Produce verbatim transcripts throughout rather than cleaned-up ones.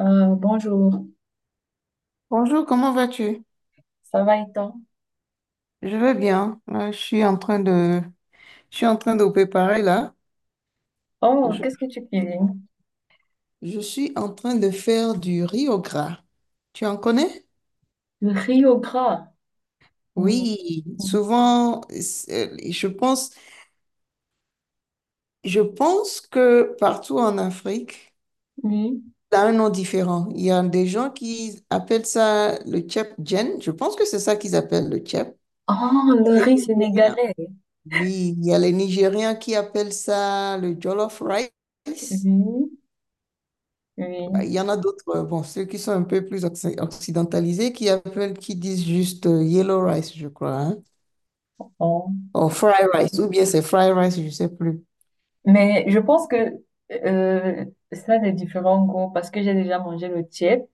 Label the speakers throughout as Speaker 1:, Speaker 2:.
Speaker 1: Euh, bonjour,
Speaker 2: Bonjour, comment vas-tu?
Speaker 1: ça va et toi?
Speaker 2: Je vais bien. Euh, je suis en train de, je suis en train de préparer là.
Speaker 1: Oh,
Speaker 2: Je,
Speaker 1: qu'est-ce que tu cuisines?
Speaker 2: je suis en train de faire du riz au gras. Tu en connais?
Speaker 1: Le riz au gras. Mm.
Speaker 2: Oui, souvent, c'est- je pense, je pense que partout en Afrique,
Speaker 1: Oui.
Speaker 2: ça a un nom différent. Il y a des gens qui appellent ça le tchèp-djen. Je pense que c'est ça qu'ils appellent le tchèp.
Speaker 1: Oh, le
Speaker 2: Il y a
Speaker 1: riz
Speaker 2: les Nigériens.
Speaker 1: sénégalais.
Speaker 2: Oui, il y a les Nigériens qui appellent ça le jollof rice.
Speaker 1: Oui,
Speaker 2: Bah,
Speaker 1: oui.
Speaker 2: il y en a d'autres, euh, bon, ceux qui sont un peu plus occ- occidentalisés, qui appellent, qui disent juste euh, yellow rice, je crois, hein,
Speaker 1: Oh.
Speaker 2: ou fried rice, ou bien c'est fried rice, je ne sais plus.
Speaker 1: Mais je pense que euh, ça a des différents goûts parce que j'ai déjà mangé le tiède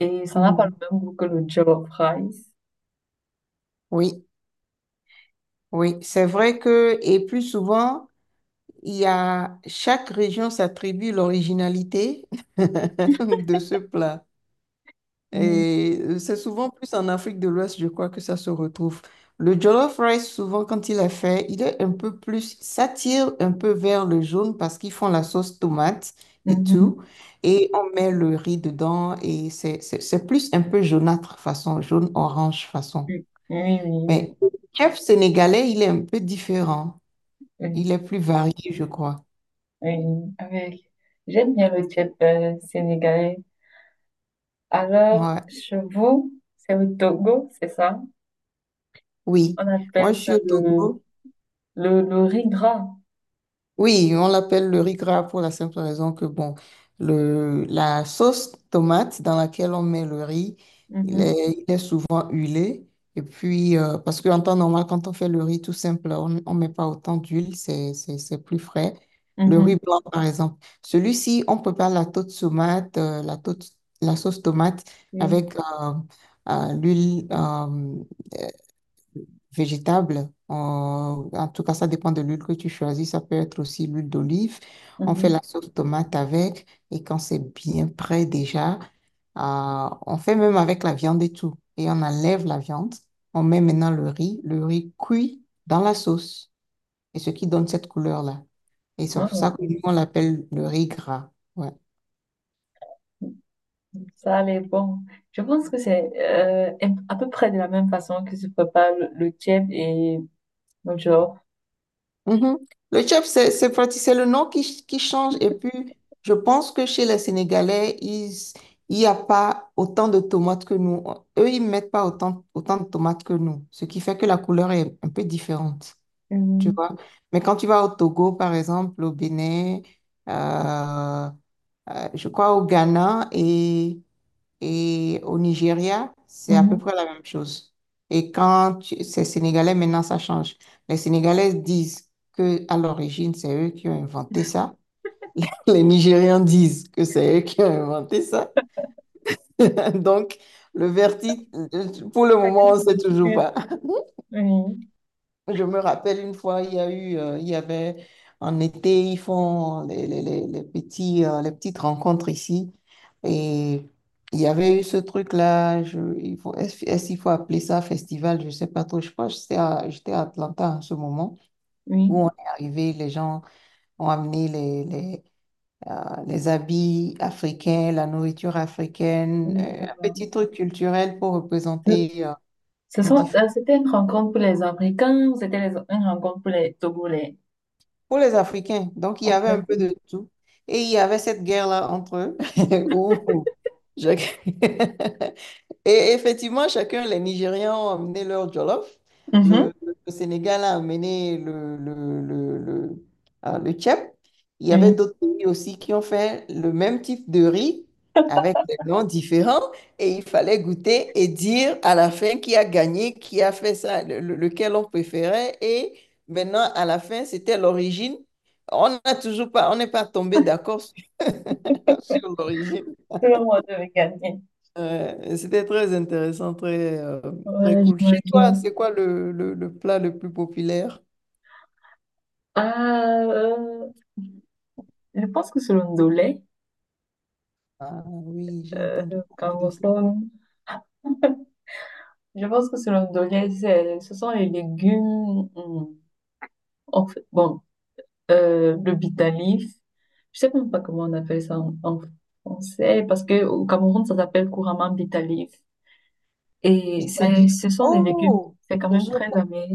Speaker 1: et ça n'a pas
Speaker 2: Mhm.
Speaker 1: le même goût que le jollof rice.
Speaker 2: Oui, oui, c'est vrai que, et plus souvent, il y a, chaque région s'attribue l'originalité de ce plat.
Speaker 1: Oui.
Speaker 2: Et euh, c'est souvent plus en Afrique de l'Ouest, je crois, que ça se retrouve. Le jollof rice, souvent, quand il est fait, il est un peu plus, ça tire un peu vers le jaune parce qu'ils font la sauce tomate et
Speaker 1: Mhm.
Speaker 2: tout. Et on met le riz dedans et c'est, c'est, c'est plus un peu jaunâtre façon, jaune-orange façon.
Speaker 1: Oui, oui, oui,
Speaker 2: Mais le chef sénégalais, il est un peu différent.
Speaker 1: oui, oui.
Speaker 2: Il est plus varié, je crois.
Speaker 1: Oui. Avec... J'aime bien le tiède euh, sénégalais. Alors,
Speaker 2: Ouais.
Speaker 1: chevaux, c'est au Togo, c'est ça?
Speaker 2: Oui.
Speaker 1: On appelle
Speaker 2: Moi, je suis
Speaker 1: ça
Speaker 2: au
Speaker 1: le,
Speaker 2: Togo.
Speaker 1: le, le riz gras.
Speaker 2: Oui, on l'appelle le riz gras pour la simple raison que, bon, le, la sauce tomate dans laquelle on met le riz, il
Speaker 1: Mhm,
Speaker 2: est, il est souvent huilé. Et puis, euh, parce qu'en temps normal, quand on fait le riz tout simple, on ne met pas autant d'huile, c'est, c'est, c'est plus frais. Le
Speaker 1: mhm,
Speaker 2: riz blanc, par exemple. Celui-ci, on prépare la sauce tomate, euh, la, tôte- la sauce tomate
Speaker 1: oui,
Speaker 2: avec euh, euh, l'huile. Euh, végétable. En, en tout cas, ça dépend de l'huile que tu choisis. Ça peut être aussi l'huile d'olive. On fait
Speaker 1: mhm.
Speaker 2: la sauce tomate avec et quand c'est bien prêt déjà, euh, on fait même avec la viande et tout. Et on enlève la viande. On met maintenant le riz. Le riz cuit dans la sauce. Et ce qui donne cette couleur-là. Et c'est pour ça
Speaker 1: Wow,
Speaker 2: que nous, on l'appelle le riz gras. Ouais.
Speaker 1: ça, elle est bon. Je pense que c'est euh, un- à peu près de la même façon que se prépare le, le tchèp et le genre.
Speaker 2: Mhm. Le chef, c'est c'est prati- c'est le nom qui, qui change. Et puis, je pense que chez les Sénégalais, ils, il n'y a pas autant de tomates que nous. Eux, ils ne mettent pas autant, autant de tomates que nous, ce qui fait que la couleur est un peu différente, tu
Speaker 1: Mhm,
Speaker 2: vois. Mais quand tu vas au Togo, par exemple, au Bénin, euh, euh, je crois au Ghana et et au Nigeria, c'est à peu
Speaker 1: mhm.
Speaker 2: près la même chose. Et quand tu- c'est sénégalais, maintenant, ça change. Les Sénégalais disent que à l'origine, c'est eux qui ont inventé ça. Les Nigérians disent que c'est eux qui ont inventé ça. Donc, le verdict, pour le
Speaker 1: Chacun
Speaker 2: moment, on ne
Speaker 1: se
Speaker 2: sait toujours
Speaker 1: discute.
Speaker 2: pas.
Speaker 1: Oui,
Speaker 2: Je me rappelle une fois, il y a eu, euh, il y avait en été, ils font les, les, les, les petits, euh, les petites rencontres ici. Et il y avait eu ce truc-là. je- il faut, est-ce, est-ce qu'il faut appeler ça festival? Je ne sais pas trop. Je crois que j'étais à, j'étais à Atlanta en ce moment
Speaker 1: oui,
Speaker 2: où on est arrivé. Les gens ont amené les, les, euh, les habits africains, la nourriture africaine,
Speaker 1: oui, je
Speaker 2: euh, un
Speaker 1: vois.
Speaker 2: petit truc culturel pour
Speaker 1: Ce,
Speaker 2: représenter, euh,
Speaker 1: Ce
Speaker 2: nos
Speaker 1: sont,
Speaker 2: différences
Speaker 1: euh, c'était une rencontre pour les Africains ou c'était les- une rencontre pour les Togolais?
Speaker 2: pour les Africains. Donc, il y
Speaker 1: En
Speaker 2: avait un
Speaker 1: fait, euh,
Speaker 2: peu de tout. Et il y avait cette guerre-là entre eux où je- Et effectivement, chacun, les Nigériens ont amené leur jollof.
Speaker 1: mhm,
Speaker 2: Le, le- Sénégal a amené le, le, le, le, ah, le tchèp. Il y avait
Speaker 1: oui.
Speaker 2: d'autres pays aussi qui ont fait le même type de riz avec des noms différents. Et il fallait goûter et dire à la fin qui a gagné, qui a fait ça, le- le- lequel on préférait. Et maintenant, à la fin, c'était l'origine. On n'a toujours pas, on n'est pas tombé d'accord sur, sur l'origine.
Speaker 1: Tout le monde devait gagner.
Speaker 2: Ouais, c'était très intéressant, très, euh, très
Speaker 1: Ouais,
Speaker 2: cool. Chez toi,
Speaker 1: j'imagine.
Speaker 2: c'est quoi le, le, le plat le plus populaire?
Speaker 1: Ah, euh, je pense que c'est le ndolé,
Speaker 2: Ah oui, j'ai
Speaker 1: euh,
Speaker 2: entendu
Speaker 1: au
Speaker 2: parler de ça.
Speaker 1: Cameroun. Je pense que c'est le ndolé, c'est, ce sont les légumes, hmm, en fait, bon, euh, le bitalif. Je sais même pas comment on appelle ça en, en français, parce que au Cameroun, ça s'appelle couramment bitalif. Et c'est,
Speaker 2: Bitalif.
Speaker 1: ce sont des légumes,
Speaker 2: Oh,
Speaker 1: c'est quand même
Speaker 2: je,
Speaker 1: très amer.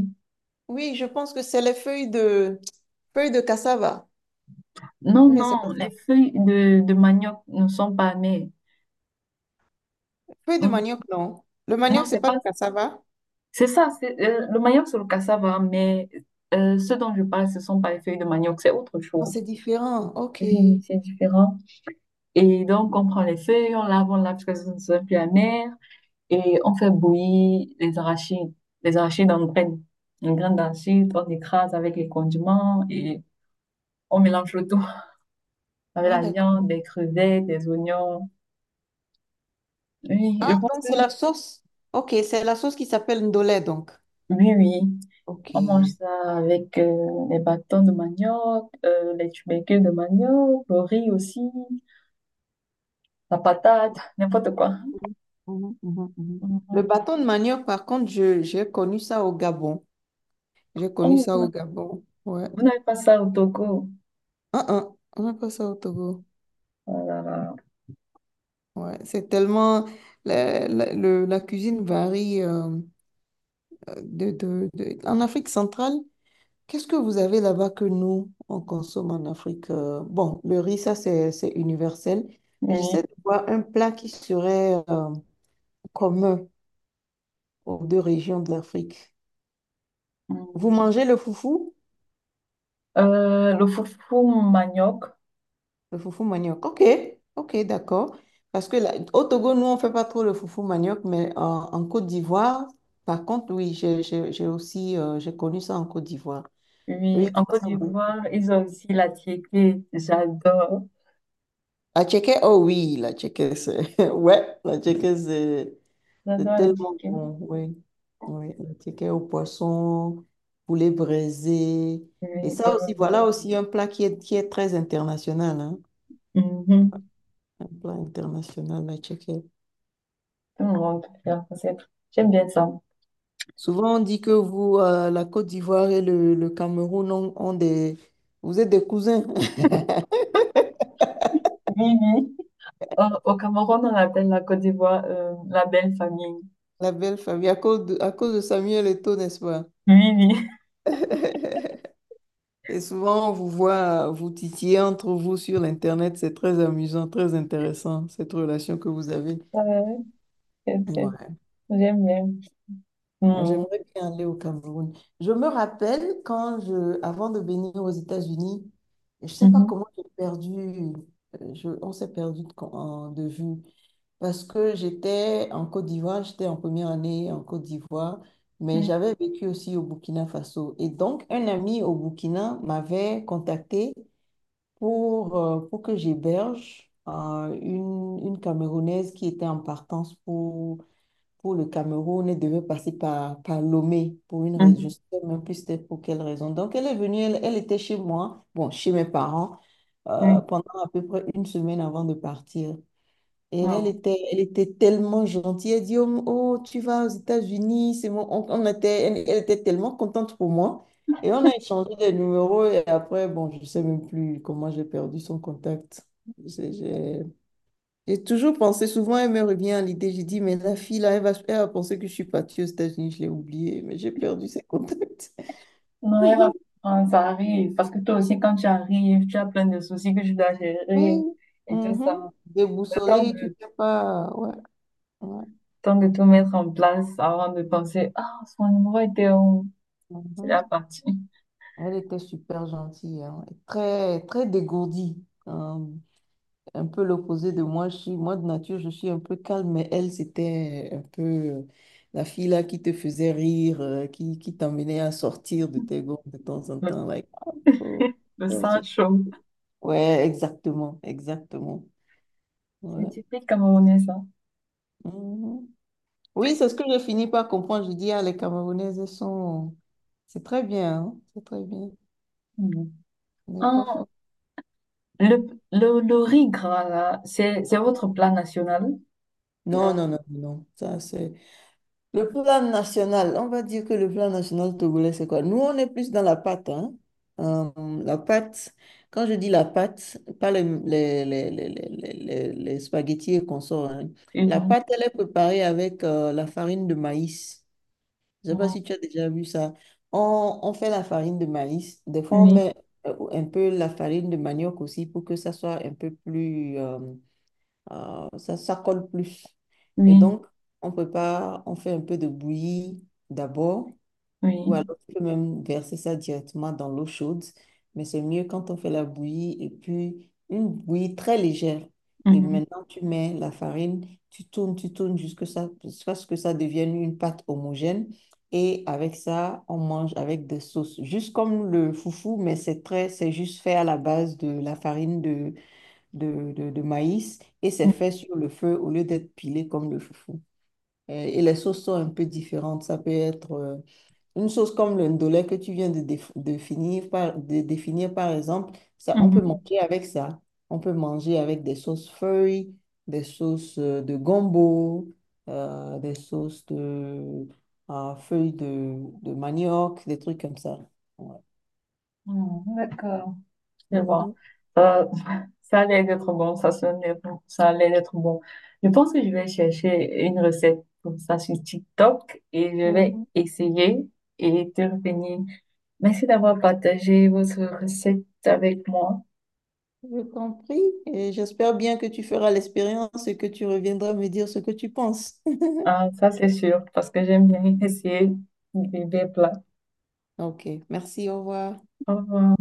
Speaker 2: oui, je pense que c'est les feuilles de, feuilles de cassava.
Speaker 1: Non,
Speaker 2: Ou bien c'est pas
Speaker 1: non, les
Speaker 2: ça.
Speaker 1: feuilles de, de manioc ne sont pas amères.
Speaker 2: Feuilles de
Speaker 1: Hmm,
Speaker 2: manioc, non. Le
Speaker 1: non,
Speaker 2: manioc, c'est
Speaker 1: c'est
Speaker 2: pas
Speaker 1: pas.
Speaker 2: le cassava?
Speaker 1: C'est ça, c'est, euh, le manioc sur le cassava, mais euh, ce dont je parle, ce ne sont pas les feuilles de manioc, c'est autre
Speaker 2: Non,
Speaker 1: chose.
Speaker 2: c'est différent. OK.
Speaker 1: Oui, c'est différent. Et donc, on prend les feuilles, on lave, on lave parce que ce ne soit plus amer, et on fait bouillir les arachides. Les arachides en graines. En graines d'arachide, on écrase avec les condiments et on mélange le tout avec
Speaker 2: Ah,
Speaker 1: la viande,
Speaker 2: d'accord.
Speaker 1: des crevettes, des oignons. Oui, je
Speaker 2: Ah,
Speaker 1: pense
Speaker 2: donc
Speaker 1: que
Speaker 2: c'est la sauce. OK, c'est la sauce qui s'appelle ndolé, donc.
Speaker 1: oui, oui. On mange
Speaker 2: OK.
Speaker 1: ça avec euh, les bâtons de manioc, euh, les tubercules de manioc, le riz aussi, la patate, n'importe quoi.
Speaker 2: Mhm, mhm, mhm. Le
Speaker 1: Mhm.
Speaker 2: bâton de manioc, par contre, je, j'ai connu ça au Gabon. J'ai connu
Speaker 1: Oh,
Speaker 2: ça
Speaker 1: vous n'a-
Speaker 2: au Gabon. Ouais.
Speaker 1: vous n'avez pas ça au Togo.
Speaker 2: Ah, ah, on n'a pas ça au Togo.
Speaker 1: Voilà.
Speaker 2: Ouais. C'est tellement. La, la- le- la cuisine varie euh, de, de, de- en Afrique centrale, qu'est-ce que vous avez là-bas que nous, on consomme en Afrique? euh, Bon, le riz, ça, c'est, c'est universel. Mais
Speaker 1: Oui.
Speaker 2: j'essaie de voir un plat qui serait euh, commun aux deux régions de l'Afrique. Vous
Speaker 1: Mm.
Speaker 2: mangez le foufou?
Speaker 1: Euh, le foufou manioc.
Speaker 2: Le foufou manioc. Ok, ok, d'accord. Parce que là, au Togo, nous, on ne fait pas trop le foufou manioc, mais en, en Côte d'Ivoire, par contre, oui, j'ai j'ai- j'ai aussi euh, j'ai connu ça en Côte d'Ivoire. Eux,
Speaker 1: Oui,
Speaker 2: ils
Speaker 1: en
Speaker 2: font
Speaker 1: Côte
Speaker 2: ça beaucoup.
Speaker 1: d'Ivoire, ils ont aussi la tiéké. J'adore.
Speaker 2: La tchéké, oh oui, la tchéké, c'est... Ouais, la tchéké, c'est c'est
Speaker 1: J'adore la
Speaker 2: tellement
Speaker 1: tiéké.
Speaker 2: bon, oui. Oui, la tchéké au poisson, poulet braisé.
Speaker 1: Oui.
Speaker 2: Et ça aussi,
Speaker 1: Euh,
Speaker 2: voilà aussi un plat qui est, qui est très international, hein.
Speaker 1: mhm.
Speaker 2: Un plat international, la tchéké.
Speaker 1: Tout le monde peut faire ça. c'est- J'aime bien ça.
Speaker 2: Souvent, on dit que vous, euh, la Côte d'Ivoire et le, le Cameroun ont, ont des... Vous êtes des cousins,
Speaker 1: Oui, oui. Euh, au Cameroun, on appelle la Côte d'Ivoire euh, la belle famille.
Speaker 2: la belle famille, à cause de, à cause de Samuel Eto'o, n'est-ce pas?
Speaker 1: Oui, oui.
Speaker 2: Et souvent, on vous voit euh, vous titiller entre vous sur l'Internet. C'est très amusant, très intéressant, cette relation que vous avez.
Speaker 1: Ouais, c'est- c'est-
Speaker 2: Ouais.
Speaker 1: j'aime bien.
Speaker 2: Moi,
Speaker 1: Mhm.
Speaker 2: j'aimerais bien aller au Cameroun. Je me rappelle quand je, avant de venir aux États-Unis, je ne sais pas
Speaker 1: Mhm.
Speaker 2: comment j'ai perdu, euh, je, on s'est perdu de con- en- de vue. Parce que j'étais en Côte d'Ivoire, j'étais en première année en Côte d'Ivoire, mais
Speaker 1: Oui.
Speaker 2: j'avais vécu aussi au Burkina Faso. Et donc, un ami au Burkina m'avait contacté pour, euh, pour que j'héberge euh, une, une Camerounaise qui était en partance pour, pour le Cameroun et devait passer par, par Lomé pour une raison. Je ne
Speaker 1: Mhm.
Speaker 2: sais même plus c'était pour quelle raison. Donc, elle est venue, elle, elle était chez moi, bon, chez mes parents,
Speaker 1: Oui.
Speaker 2: euh, pendant à peu près une semaine avant de partir. Et elle
Speaker 1: Wow.
Speaker 2: était, elle était tellement gentille. Elle dit, oh, oh, tu vas aux États-Unis. C'est bon. On, on était, elle, elle était tellement contente pour moi. Et on a échangé des numéros. Et après, bon, je ne sais même plus comment j'ai perdu son contact. J'ai j'ai- j'ai toujours pensé, souvent elle me revient à l'idée. J'ai dit, mais la fille là, elle va, elle va penser que je suis partie aux États-Unis. Je l'ai oubliée, mais j'ai perdu ses contacts.
Speaker 1: Non, elle va prendre, ça arrive. Parce que toi aussi, quand tu arrives, tu as plein de soucis que tu dois gérer
Speaker 2: Oui.
Speaker 1: et tout
Speaker 2: Mhm.
Speaker 1: ça. Le temps
Speaker 2: Déboussolée,
Speaker 1: de,
Speaker 2: tu
Speaker 1: le
Speaker 2: sais pas. Ouais. ouais.
Speaker 1: temps de tout mettre en place avant de penser, ah, son numéro était où? C'est la
Speaker 2: Mhm.
Speaker 1: partie.
Speaker 2: Elle était super gentille, hein, et très, très dégourdie. Hein, un peu l'opposé de moi. Je suis, moi, de nature, je suis un peu calme, mais elle, c'était un peu euh, la fille là qui te faisait rire, euh, qui, qui t'emmenait à sortir de tes gonds de temps en
Speaker 1: Le,
Speaker 2: temps. Like, ah, faut
Speaker 1: le
Speaker 2: faire ce-
Speaker 1: sang chaud.
Speaker 2: ouais, exactement, exactement.
Speaker 1: C'est
Speaker 2: Ouais.
Speaker 1: typique camerounais, ça.
Speaker 2: Mhm. Oui, c'est ce que je finis par comprendre. Je dis, ah, les Camerounaises, elles sont... C'est très bien, hein, c'est très bien.
Speaker 1: Mhm.
Speaker 2: Mais
Speaker 1: Ah,
Speaker 2: parfois...
Speaker 1: le, le, le riz gras, là, c'est, c'est votre plat national?
Speaker 2: Non,
Speaker 1: Genre,
Speaker 2: non, non, non. Ça, c'est... Le plan national, on va dire que le plan national togolais, c'est quoi? Nous, on est plus dans la pâte, hein. Euh, la pâte, quand je dis la pâte, pas les, les, les, les, les, les- les- les spaghettis et consorts, hein. La
Speaker 1: oui,
Speaker 2: pâte, elle est préparée avec euh, la farine de maïs. Je ne sais pas si tu as déjà vu ça. On, on fait la farine de maïs. Des fois, on
Speaker 1: oui,
Speaker 2: met euh, un peu la farine de manioc aussi pour que ça soit un peu plus... euh, euh, ça, ça colle plus. Et
Speaker 1: oui.
Speaker 2: donc, on prépare, on fait un peu de bouillie d'abord, ou
Speaker 1: Oui.
Speaker 2: alors tu peux même verser ça directement dans l'eau chaude, mais c'est mieux quand on fait la bouillie et puis une bouillie très légère. Et
Speaker 1: Mhm.
Speaker 2: maintenant, tu mets la farine, tu tournes, tu tournes jusqu'à ça, jusqu'à ce que ça devienne une pâte homogène. Et avec ça, on mange avec des sauces, juste comme le foufou, mais c'est très, c'est juste fait à la base de la farine de de, de- de maïs et c'est
Speaker 1: Mhm.
Speaker 2: fait sur le feu au lieu d'être pilé comme le foufou. Euh, Et les sauces sont un peu différentes. Ça peut être euh, une sauce comme le ndolé que tu viens de, déf- de finir par, de définir, par exemple. Ça, on peut
Speaker 1: Mhm.
Speaker 2: manger avec ça. On peut manger avec des sauces feuilles, des sauces euh, de gombo, euh, des sauces de euh, feuilles de, de manioc, des trucs comme ça. Ouais.
Speaker 1: Hmm, d'accord. Je vois.
Speaker 2: Mhm.
Speaker 1: Euh, ça allait être bon, ça sonnait bon, ça allait être bon. Je pense que je vais chercher une recette comme ça sur TikTok et je vais
Speaker 2: Mhm.
Speaker 1: essayer et te revenir. Merci d'avoir partagé votre recette avec moi.
Speaker 2: Je compris et j'espère bien que tu feras l'expérience et que tu reviendras me dire ce que tu penses.
Speaker 1: Ah, ça, c'est sûr, parce que j'aime bien essayer des des plats.
Speaker 2: Ok, merci, au revoir.
Speaker 1: Au revoir.